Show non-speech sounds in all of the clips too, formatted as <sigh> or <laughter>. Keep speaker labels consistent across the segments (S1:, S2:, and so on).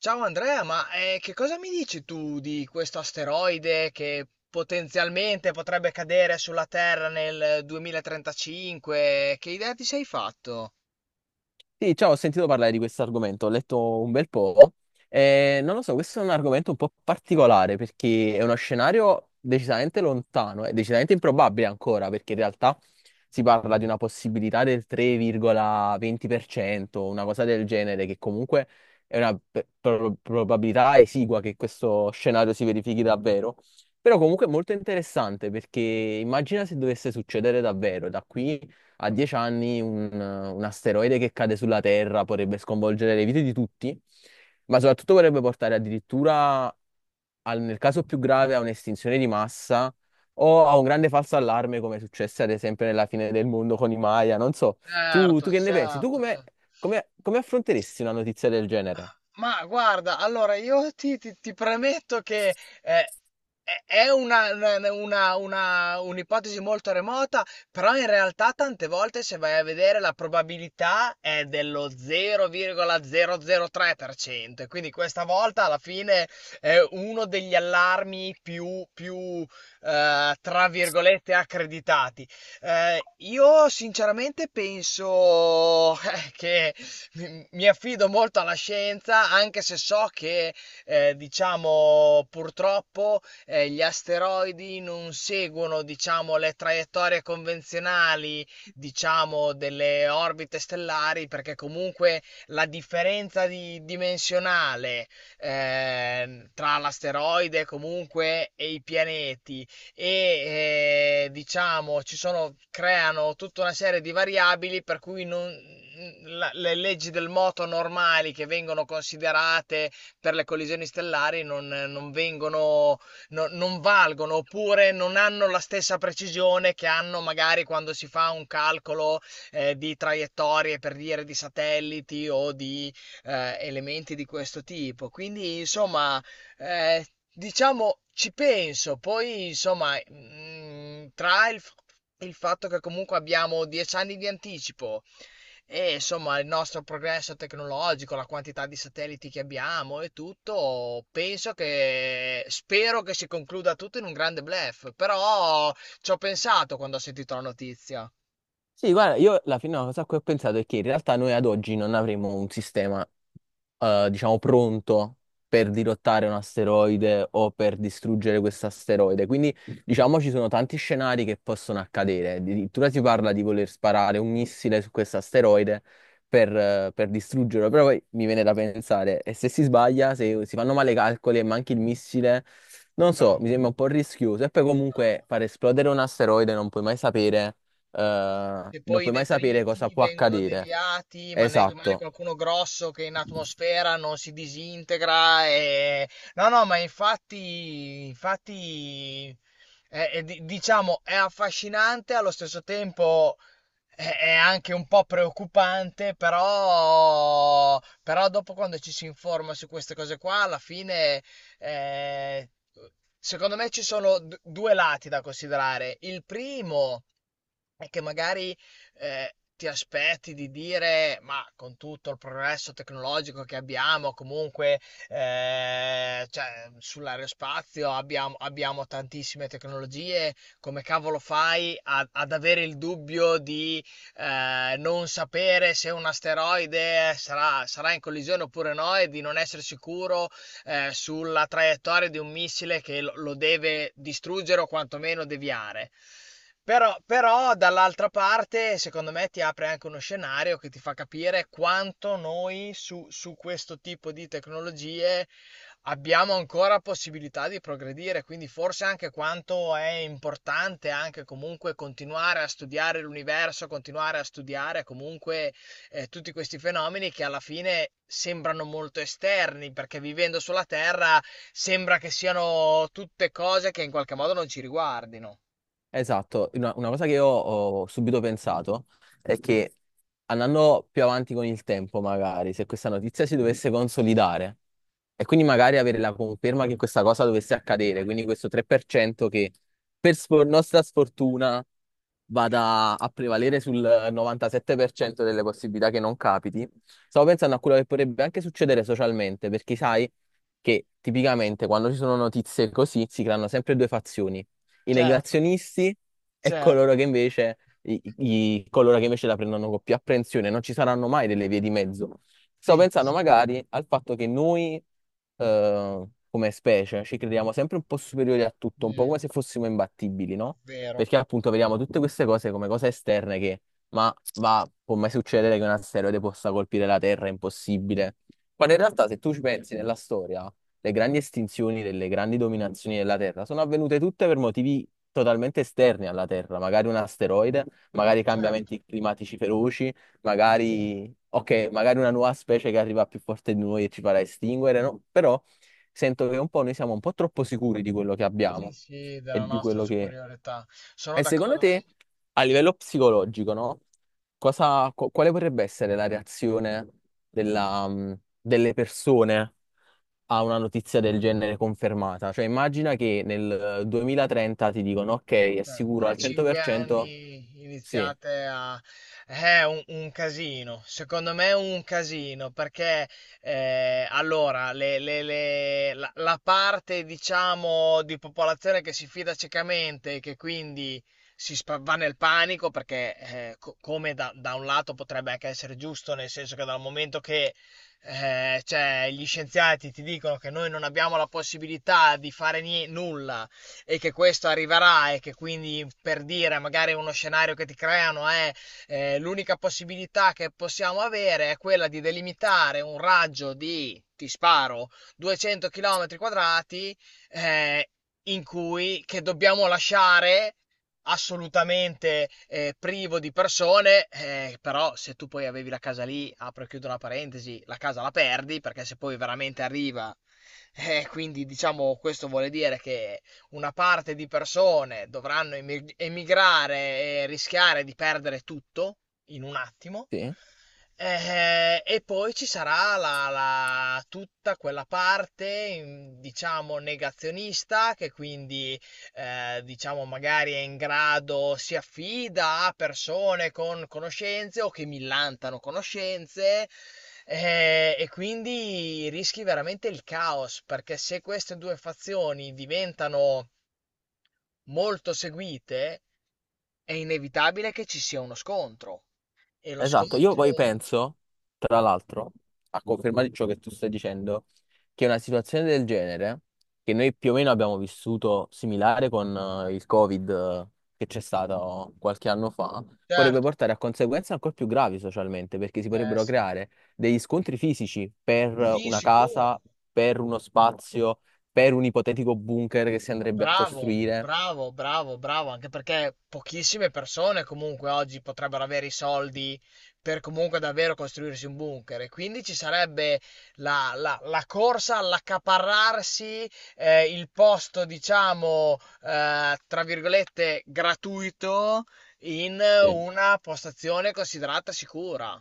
S1: Ciao Andrea, che cosa mi dici tu di questo asteroide che potenzialmente potrebbe cadere sulla Terra nel 2035? Che idea ti sei fatto?
S2: Sì, ciao, ho sentito parlare di questo argomento, ho letto un bel po'. Non lo so, questo è un argomento un po' particolare perché è uno scenario decisamente lontano e decisamente improbabile ancora, perché in realtà si parla di una possibilità del 3,20%, una cosa del genere, che comunque è una probabilità esigua che questo scenario si verifichi davvero. Però comunque è molto interessante perché immagina se dovesse succedere davvero da qui a 10 anni un asteroide che cade sulla Terra potrebbe sconvolgere le vite di tutti, ma soprattutto potrebbe portare addirittura, nel caso più grave, a un'estinzione di massa o a un grande falso allarme, come successe ad esempio nella fine del mondo con i Maya. Non so,
S1: Certo,
S2: tu che ne pensi? Tu
S1: certo,
S2: come,
S1: certo.
S2: come affronteresti una notizia del genere?
S1: Ma guarda, allora io ti premetto che eh, è un'ipotesi molto remota, però in realtà tante volte se vai a vedere la probabilità è dello 0,003%, quindi questa volta alla fine è uno degli allarmi tra virgolette, accreditati. Io sinceramente penso <laughs> che mi affido molto alla scienza, anche se so che, diciamo, purtroppo gli asteroidi non seguono, diciamo, le traiettorie convenzionali, diciamo, delle orbite stellari, perché comunque la dimensionale tra l'asteroide comunque e i pianeti diciamo ci sono, creano tutta una serie di variabili per cui le leggi del moto normali che vengono considerate per le collisioni stellari non, non vengono, no- non valgono, oppure non hanno la stessa precisione che hanno magari quando si fa un calcolo di traiettorie, per dire, di satelliti o di elementi di questo tipo. Quindi, insomma, eh, diciamo, ci penso, poi insomma, il fatto che comunque abbiamo 10 anni di anticipo e insomma il nostro progresso tecnologico, la quantità di satelliti che abbiamo e tutto, penso che spero che si concluda tutto in un grande bluff, però ci ho pensato quando ho sentito la notizia.
S2: Sì, guarda, io alla fine una cosa a cui ho pensato è che in realtà noi ad oggi non avremo un sistema, diciamo, pronto per dirottare un asteroide o per distruggere questo asteroide. Quindi, diciamo, ci sono tanti scenari che possono accadere. Addirittura si parla di voler sparare un missile su questo asteroide per distruggerlo. Però poi mi viene da pensare, e se si sbaglia, se si fanno male i calcoli e manchi il missile, non so, mi
S1: Bravo,
S2: sembra un po' rischioso. E poi comunque
S1: bravo.
S2: far esplodere un asteroide non puoi mai sapere
S1: Se
S2: non
S1: poi i
S2: puoi mai sapere cosa
S1: detriti
S2: può
S1: vengono
S2: accadere.
S1: deviati, ma ne rimane
S2: Esatto.
S1: qualcuno grosso che in atmosfera non si disintegra. E... No, no, ma infatti, infatti diciamo, è affascinante, allo stesso tempo è anche un po' preoccupante, però, però dopo quando ci si informa su queste cose qua, alla fine... eh, Secondo me ci sono due lati da considerare. Il primo e che magari ti aspetti di dire, ma con tutto il progresso tecnologico che abbiamo, comunque cioè, sull'aerospazio abbiamo tantissime tecnologie, come cavolo fai ad avere il dubbio di non sapere se un asteroide sarà in collisione oppure no, e di non essere sicuro sulla traiettoria di un missile che lo deve distruggere o quantomeno deviare. Però, però dall'altra parte, secondo me, ti apre anche uno scenario che ti fa capire quanto noi su questo tipo di tecnologie abbiamo ancora possibilità di progredire, quindi forse anche quanto è importante anche comunque continuare a studiare l'universo, continuare a studiare comunque tutti questi fenomeni che alla fine sembrano molto esterni, perché vivendo sulla Terra sembra che siano tutte cose che in qualche modo non ci riguardino.
S2: Esatto, una cosa che io ho subito pensato è che andando più avanti con il tempo, magari, se questa notizia si dovesse consolidare e quindi magari avere la conferma che questa cosa dovesse accadere, quindi questo 3% che nostra sfortuna vada a prevalere sul 97% delle possibilità che non capiti, stavo pensando a quello che potrebbe anche succedere socialmente, perché sai che tipicamente quando ci sono notizie così si creano sempre due fazioni, i
S1: Certo,
S2: negazionisti e
S1: certo.
S2: coloro che invece, coloro che invece la prendono con più apprensione. Non ci saranno mai delle vie di mezzo. Stavo
S1: Sì,
S2: pensando
S1: sì.
S2: magari al fatto che noi, eh, come specie, ci crediamo sempre un po' superiori a tutto, un po'
S1: Mm,
S2: come se fossimo imbattibili, no?
S1: vero.
S2: Perché appunto vediamo tutte queste cose come cose esterne che, ma va, può mai succedere che un asteroide possa colpire la Terra, è impossibile. Quando in realtà, se tu ci pensi nella storia, le grandi estinzioni delle grandi dominazioni della Terra sono avvenute tutte per motivi totalmente esterni alla Terra, magari un asteroide, magari
S1: Certo.
S2: cambiamenti climatici feroci,
S1: Sì.
S2: magari, ok, magari una nuova specie che arriva più forte di noi e ci farà estinguere, no? Però sento che un po' noi siamo un po' troppo sicuri di quello che
S1: Sì,
S2: abbiamo
S1: sì,
S2: e
S1: della
S2: di
S1: nostra
S2: quello che
S1: superiorità. Sono
S2: e secondo
S1: d'accordo, no?
S2: te, a livello psicologico, no? Cosa, quale potrebbe essere la reazione della, delle persone a una notizia del genere confermata? Cioè, immagina che nel 2030 ti dicono, ok, è sicuro
S1: Tra
S2: al
S1: cinque
S2: 100%,
S1: anni
S2: sì,
S1: iniziate a... È un casino, secondo me è un casino, perché allora la parte, diciamo, di popolazione che si fida ciecamente e che quindi va nel panico, perché come da un lato potrebbe anche essere giusto, nel senso che dal momento che cioè, gli scienziati ti dicono che noi non abbiamo la possibilità di fare nulla, e che questo arriverà, e che quindi per dire magari uno scenario che ti creano è l'unica possibilità che possiamo avere è quella di delimitare un raggio di, ti sparo, 200 km quadrati, eh, in cui che dobbiamo lasciare assolutamente privo di persone. Eh, però se tu poi avevi la casa lì, apro e chiudo una parentesi, la casa la perdi perché se poi veramente arriva, quindi diciamo, questo vuole dire che una parte di persone dovranno emigrare e rischiare di perdere tutto in un attimo.
S2: sì.
S1: E poi ci sarà tutta quella parte, diciamo, negazionista, che quindi diciamo, magari è in grado, si affida a persone con conoscenze o che millantano conoscenze. Eh, e quindi rischi veramente il caos, perché se queste due fazioni diventano molto seguite, è inevitabile che ci sia uno scontro. E lo
S2: Esatto, io
S1: scontro,
S2: poi penso, tra l'altro, a conferma di ciò che tu stai dicendo, che una situazione del genere, che noi più o meno abbiamo vissuto similare con il Covid, che c'è stato qualche anno fa, potrebbe
S1: certo.
S2: portare a conseguenze ancora più gravi socialmente, perché si
S1: Eh
S2: potrebbero
S1: sì,
S2: creare degli scontri fisici per
S1: sì,
S2: una
S1: sicuro.
S2: casa, per uno spazio, per un ipotetico bunker che si andrebbe a
S1: Bravo,
S2: costruire.
S1: bravo, bravo, bravo, anche perché pochissime persone comunque oggi potrebbero avere i soldi per comunque davvero costruirsi un bunker, e quindi ci sarebbe la corsa all'accaparrarsi il posto, diciamo, tra virgolette, gratuito in una postazione considerata sicura.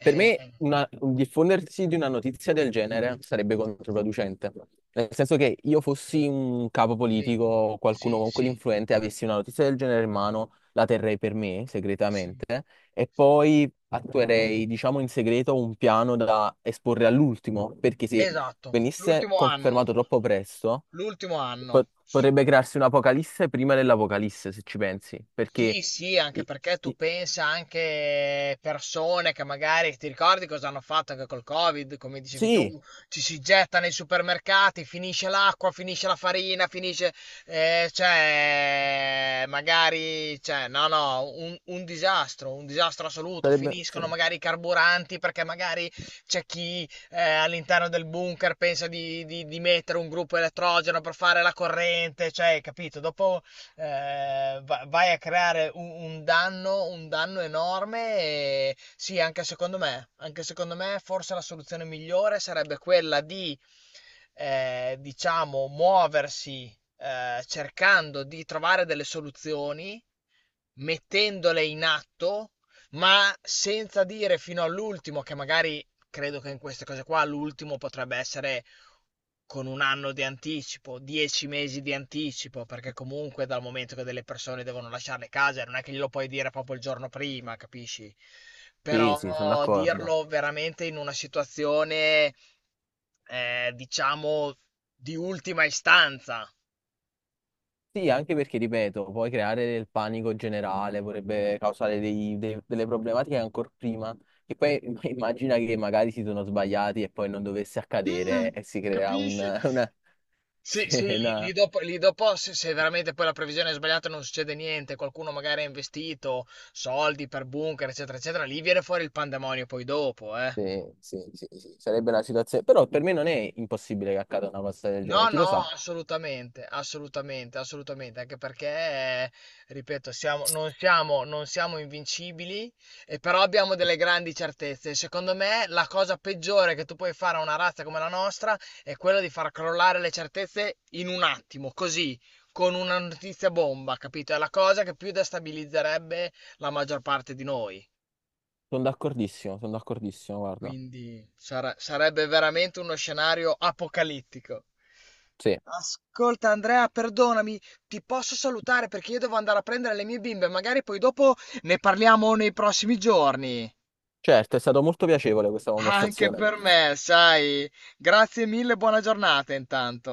S2: Per me un diffondersi di una notizia del genere sarebbe controproducente. Nel senso che io
S1: sì,
S2: fossi un capo
S1: sì,
S2: politico, o qualcuno
S1: sì,
S2: comunque di
S1: sì,
S2: influente, avessi una notizia del genere in mano, la terrei per me
S1: sì,
S2: segretamente e
S1: sì, sì.
S2: poi attuerei, diciamo, in segreto un piano da esporre all'ultimo, perché se
S1: Esatto,
S2: venisse
S1: l'ultimo anno,
S2: confermato troppo presto,
S1: l'ultimo anno.
S2: potrebbe crearsi un'apocalisse prima dell'apocalisse, se ci pensi, perché
S1: Sì, sì, anche
S2: i-
S1: perché tu
S2: i-
S1: pensa anche, persone che magari, ti ricordi cosa hanno fatto anche col Covid, come dicevi tu,
S2: sì,
S1: ci si getta nei supermercati, finisce l'acqua, finisce la farina, finisce, cioè, magari, cioè, no, no, un disastro assoluto.
S2: sarebbe sì.
S1: Finiscono magari i carburanti perché magari c'è chi all'interno del bunker pensa di, di mettere un gruppo elettrogeno per fare la corrente, cioè, capito? Dopo vai a creare un danno enorme, e sì, anche secondo me forse la soluzione migliore sarebbe quella di, diciamo, muoversi cercando di trovare delle soluzioni, mettendole in atto, ma senza dire fino all'ultimo che magari... Credo che in queste cose qua l'ultimo potrebbe essere con un anno di anticipo, 10 mesi di anticipo, perché comunque dal momento che delle persone devono lasciare le case, non è che glielo puoi dire proprio il giorno prima, capisci?
S2: Sì, sì, sono
S1: Però
S2: d'accordo.
S1: dirlo veramente in una situazione, diciamo, di ultima istanza.
S2: Sì, anche perché, ripeto, puoi creare del panico generale, potrebbe causare delle problematiche ancora prima, che poi <laughs> immagina che magari si sono sbagliati e poi non dovesse accadere
S1: Mm.
S2: e si crea un,
S1: Capisci?
S2: una... <laughs>
S1: Sì,
S2: Sì,
S1: sì, lì, lì dopo, lì dopo, se, se veramente poi la previsione è sbagliata e non succede niente, qualcuno magari ha investito soldi per bunker, eccetera, eccetera, lì viene fuori il pandemonio poi dopo, eh.
S2: sì, sì, sì, sì, sarebbe una situazione... Però per me non è impossibile che accada una cosa del genere,
S1: No,
S2: chi lo
S1: no,
S2: sa?
S1: assolutamente, assolutamente, assolutamente, anche perché, ripeto, non non siamo invincibili, e però abbiamo delle grandi certezze. Secondo me, la cosa peggiore che tu puoi fare a una razza come la nostra è quella di far crollare le certezze in un attimo, così, con una notizia bomba, capito? È la cosa che più destabilizzerebbe la maggior parte di noi.
S2: Sono d'accordissimo, guarda.
S1: Quindi sarebbe veramente uno scenario apocalittico.
S2: Sì,
S1: Ascolta Andrea, perdonami, ti posso salutare perché io devo andare a prendere le mie bimbe, magari poi dopo ne parliamo nei prossimi giorni.
S2: certo, è stato molto piacevole questa
S1: Anche
S2: conversazione.
S1: per me, sai. Grazie mille, buona giornata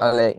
S2: A lei.